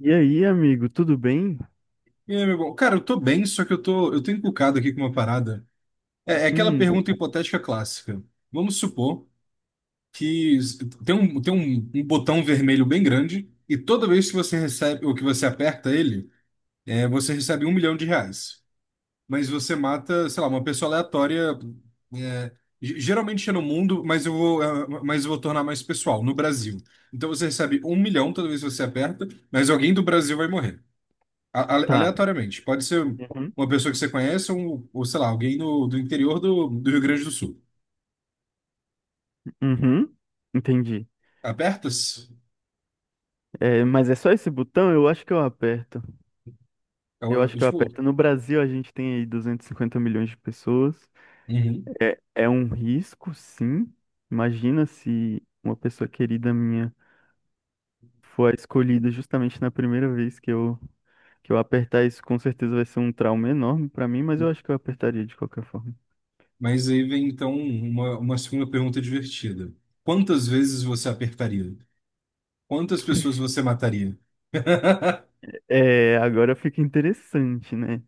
E aí, amigo, tudo bem? E aí, meu bom? Cara, eu tô bem, só que eu tô encucado aqui com uma parada. É aquela Hum. pergunta hipotética clássica. Vamos supor que s- tem um botão vermelho bem grande e toda vez que você recebe, ou que você aperta ele, você recebe um milhão de reais. Mas você mata, sei lá, uma pessoa aleatória, é, geralmente é no mundo, mas eu vou tornar mais pessoal, no Brasil. Então você recebe um milhão toda vez que você aperta, mas alguém do Brasil vai morrer. A- ale- Tá. Aleatoriamente. Pode ser Uhum, uma pessoa que você conhece ou sei lá, alguém no, do interior do Rio Grande do Sul. uhum, entendi. Apertas? É, mas é só esse botão? Eu acho que eu aperto. Eu acho que eu Tipo. aperto. No Brasil, a gente tem aí 250 milhões de pessoas. Uhum. É, é um risco, sim. Imagina se uma pessoa querida minha for a escolhida justamente na primeira vez que eu apertar isso, com certeza vai ser um trauma enorme pra mim, mas eu acho que eu apertaria de qualquer forma. Mas aí vem então uma segunda pergunta divertida. Quantas vezes você apertaria? Quantas pessoas você mataria? É, agora fica interessante, né?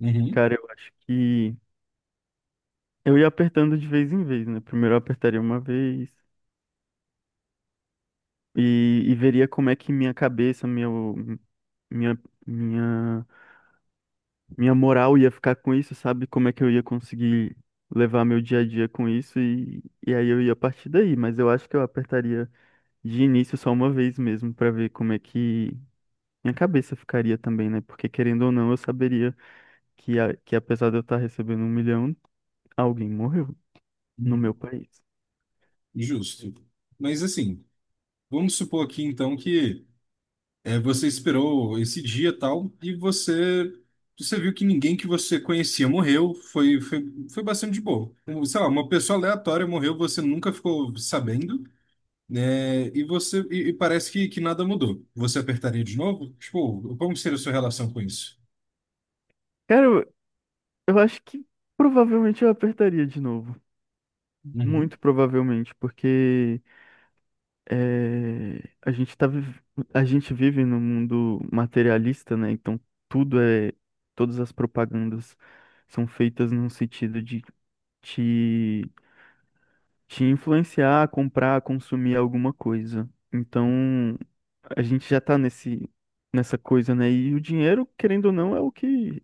Uhum, Cara, eu acho que Eu ia apertando de vez em vez, né? Primeiro eu apertaria uma vez e veria como é que minha cabeça, minha, minha, minha moral ia ficar com isso, sabe? Como é que eu ia conseguir levar meu dia a dia com isso e aí eu ia partir daí. Mas eu acho que eu apertaria de início só uma vez mesmo pra ver como é que minha cabeça ficaria também, né? Porque querendo ou não, eu saberia que apesar de eu estar recebendo 1 milhão, alguém morreu no uhum. meu país. Justo. Mas assim, vamos supor aqui então que você esperou esse dia e tal, e você viu que ninguém que você conhecia morreu, foi bastante de boa. Sei lá, uma pessoa aleatória morreu, você nunca ficou sabendo, né? E você e parece que nada mudou. Você apertaria de novo? Tipo, como seria a sua relação com isso? Cara, eu acho que provavelmente eu apertaria de novo. Uhum. Muito provavelmente, porque eh, a gente tá, viv- a gente vive num mundo materialista, né? Então tudo é. Todas as propagandas são feitas num sentido de te, te influenciar a comprar, a consumir alguma coisa. Então a gente já tá nessa coisa, né? E o dinheiro, querendo ou não, é o que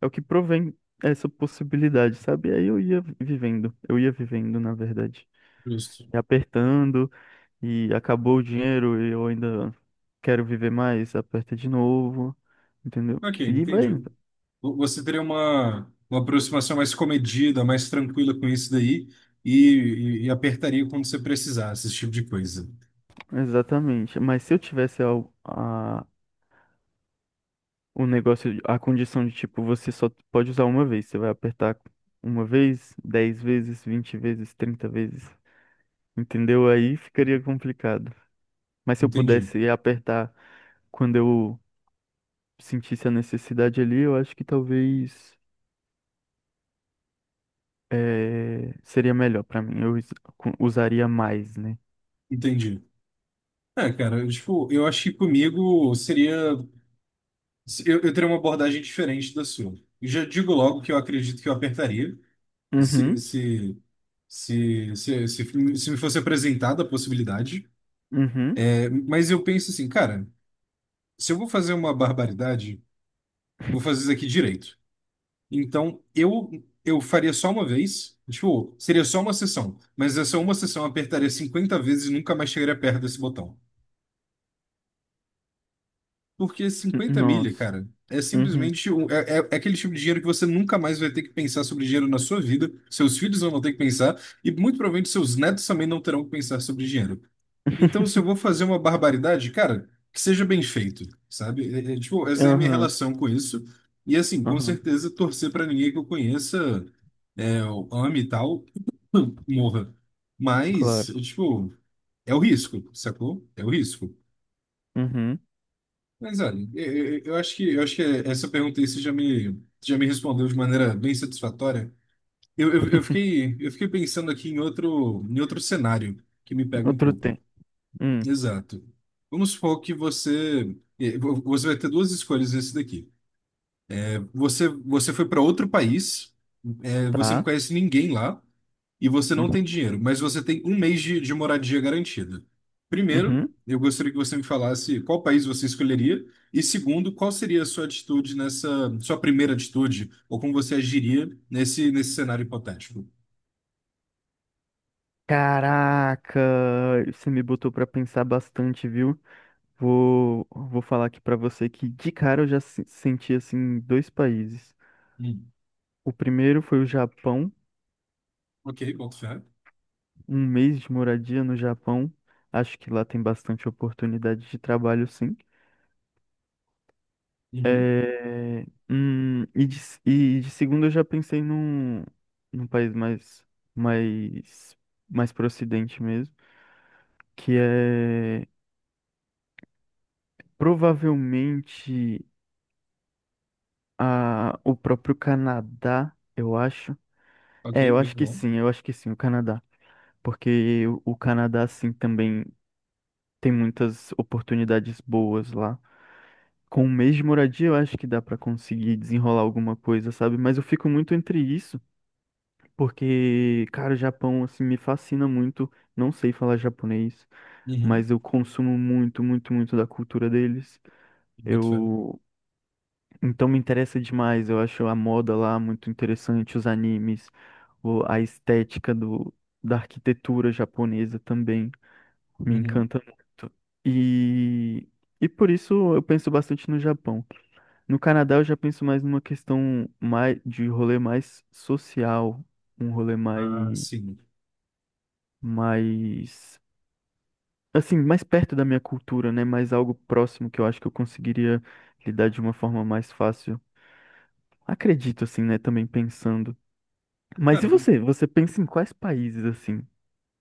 é o que provém essa possibilidade, sabe? Aí eu ia vivendo, na verdade. Justo. E apertando, e acabou o dinheiro, e eu ainda quero viver mais, aperta de novo, entendeu? Ok, E vai entendi. V- indo. Você teria uma aproximação mais comedida, mais tranquila com isso daí, e apertaria quando você precisasse, esse tipo de coisa. Exatamente. Mas se eu tivesse a- o negócio, a condição de tipo, você só pode usar uma vez, você vai apertar uma vez, 10 vezes, 20 vezes, 30 vezes, entendeu? Aí ficaria complicado. Mas se eu Entendi. pudesse apertar quando eu sentisse a necessidade ali, eu acho que talvez seria melhor pra mim. Eu usaria mais, né? Entendi. É, cara, tipo, eu acho que comigo seria. Eu teria uma abordagem diferente da sua. Eu já digo logo que eu acredito que eu apertaria se, Uhum. se, se me fosse apresentada a possibilidade. Uhum. É, mas eu penso assim, cara, se eu vou fazer uma barbaridade, vou fazer isso aqui direito. Então, eu faria só uma vez, tipo, seria só uma sessão. Mas essa uma sessão eu apertaria 50 vezes e nunca mais chegaria perto desse botão. Porque 50 milha, Nossa. cara, é Uhum. simplesmente é aquele tipo de dinheiro que você nunca mais vai ter que pensar sobre dinheiro na sua vida, seus filhos não vão ter que pensar, e muito provavelmente seus netos também não terão que pensar sobre dinheiro. Então, se eu vou fazer uma barbaridade, cara, que seja bem feito, sabe? Tipo, essa é a minha Aham, relação com isso. E assim, com aham. certeza, torcer pra ninguém que eu conheça, eu ame e tal, morra. Mas, Claro. tipo, é o risco, sacou? É o risco. Uhum. Mas olha, eu acho que essa pergunta aí você já me respondeu de maneira bem satisfatória. Eu, eu, eu fiquei eu fiquei pensando aqui em outro cenário que me pega um Outro pouco. tempo. Hum. Exato. Vamos supor que você vai ter duas escolhas nesse daqui. Você foi para outro país, você não Tá. conhece ninguém lá e você não Uhum. tem dinheiro, mas você tem um mês de moradia garantida. Primeiro, Uhum. eu gostaria que você me falasse qual país você escolheria e segundo, qual seria a sua atitude sua primeira atitude ou como você agiria nesse cenário hipotético. Caraca, você me botou pra pensar bastante, viu? Vou falar aqui pra você que de cara eu já senti assim dois países. Hum. O primeiro foi o Japão. Ok, boto fé. Um mês de moradia no Japão, acho que lá tem bastante oportunidade de trabalho, sim. Uhum. É, e de segundo eu já pensei num país mais, mais pro ocidente mesmo, que é provavelmente o próprio Canadá, eu acho. Ok, É, eu acho muito que bom. sim, eu acho que sim, o Canadá. Porque o Canadá, sim, também tem muitas oportunidades boas lá. Com um mês de moradia, eu acho que dá pra conseguir desenrolar alguma coisa, sabe? Mas eu fico muito entre isso, porque, cara, o Japão, assim, me fascina muito. Não sei falar japonês, Uhum. mas eu consumo muito, muito, muito da cultura deles. Boto fé. Eu. Então me interessa demais. Eu acho a moda lá muito interessante, os animes, a estética da arquitetura japonesa também me Uhum. encanta muito. E. E por isso eu penso bastante no Japão. No Canadá eu já penso mais numa questão mais de rolê mais social, um rolê mais, Ah, sim. mais, assim, mais perto da minha cultura, né? Mais algo próximo que eu acho que eu conseguiria lidar de uma forma mais fácil. Acredito, assim, né? Também pensando. Mas Cara, e o você? Você pensa em quais países, assim?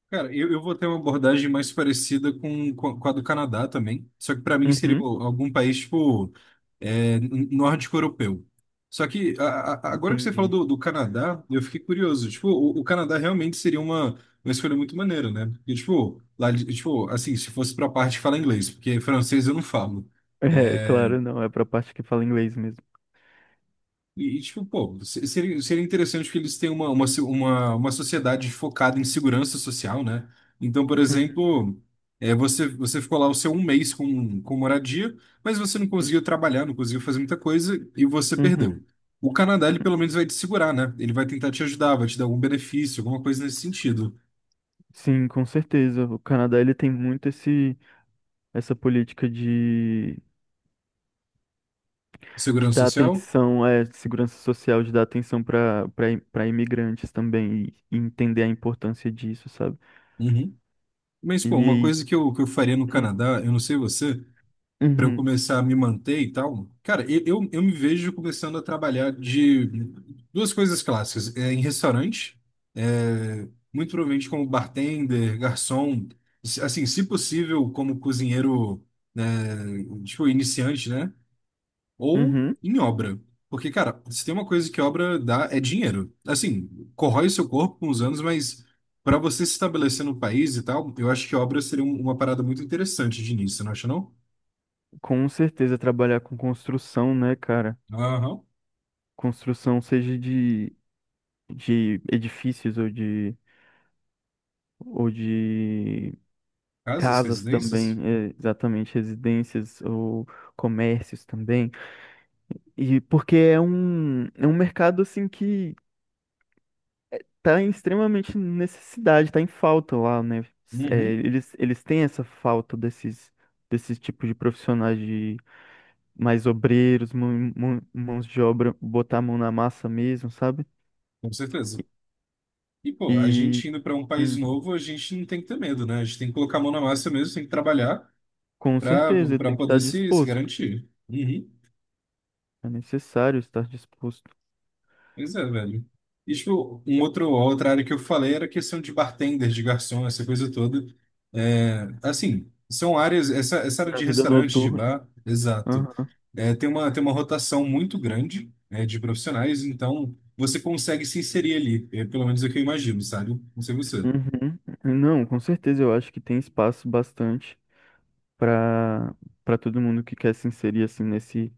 Cara, eu vou ter uma abordagem mais parecida com a do Canadá também. Só que para mim seria Uhum, algum país, tipo, nórdico europeu. Só que agora que você falou entendi. do Canadá, eu fiquei curioso. Tipo, o Canadá realmente seria uma escolha muito maneira, né? Porque, tipo, lá, tipo, assim, se fosse pra parte que fala inglês, porque francês eu não falo. É, É, claro, não, é pra parte que fala inglês mesmo. E, tipo, pô, seria interessante que eles tenham uma, se- uma sociedade focada em segurança social, né? Então, por Uhum. exemplo, você ficou lá o seu um mês com moradia, mas você não conseguiu trabalhar, não conseguiu fazer muita coisa e você Uhum. perdeu. O Canadá, ele pelo menos vai te segurar, né? Ele vai tentar te ajudar, vai te dar algum benefício, alguma coisa nesse sentido. Sim, com certeza. O Canadá ele tem muito essa política de Segurança dar social? atenção, de segurança social, de dar atenção para imigrantes também e entender a importância disso, sabe? Uhum. Mas, pô, uma E, coisa que eu faria no Canadá, eu não sei você, para eu uhum, começar a me manter e tal, cara, eu me vejo começando a trabalhar de duas coisas clássicas, em restaurante, é, muito provavelmente como bartender, garçom, assim, se possível, como cozinheiro, né, tipo, iniciante, né? Ou uhum, em obra. Porque, cara, se tem uma coisa que obra dá, é dinheiro. Assim, corrói seu corpo com os anos, mas para você se estabelecer no país e tal, eu acho que obra seria uma parada muito interessante de início, não acha, não? com certeza trabalhar com construção, né, cara? Aham. Construção seja de edifícios ou de Casas, casas também, residências? é, exatamente, residências ou comércios também. E porque é um mercado assim que tá em extremamente necessidade, tá em falta lá, né? É, Uhum, eles têm essa falta desses tipos de profissionais de mais obreiros, mãos de obra, botar a mão na massa mesmo, sabe? com certeza. E, pô, a E gente indo para um país hum, novo, a gente não tem que ter medo, né? A gente tem que colocar a mão na massa mesmo, tem que trabalhar com para certeza ele para tem que estar poder se disposto. garantir. Uhum. É necessário estar disposto Pois é, velho. E, tipo, outra área que eu falei era a questão de bartenders, de garçom, essa coisa toda. É, assim, são áreas, essa área na de vida restaurante, de noturna. bar, exato. Aham. É, tem uma rotação muito grande, né, de profissionais, então você consegue se inserir ali. É, pelo menos é o que eu imagino, sabe? Não sei você. Uhum. Não, com certeza eu acho que tem espaço bastante para para todo mundo que quer se inserir assim nesse.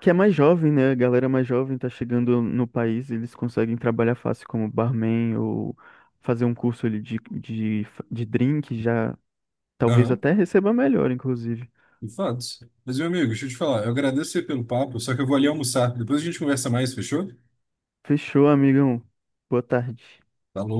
Que é mais jovem, né? A galera mais jovem tá chegando no país, eles conseguem trabalhar fácil como barman ou fazer um curso ali de drink, já talvez Aham, até receba melhor, inclusive. de fato. Mas, meu amigo, deixa eu te falar, eu agradeço aí pelo papo, só que eu vou ali almoçar. Depois a gente conversa mais, fechou? Fechou, amigão. Boa tarde. Falou.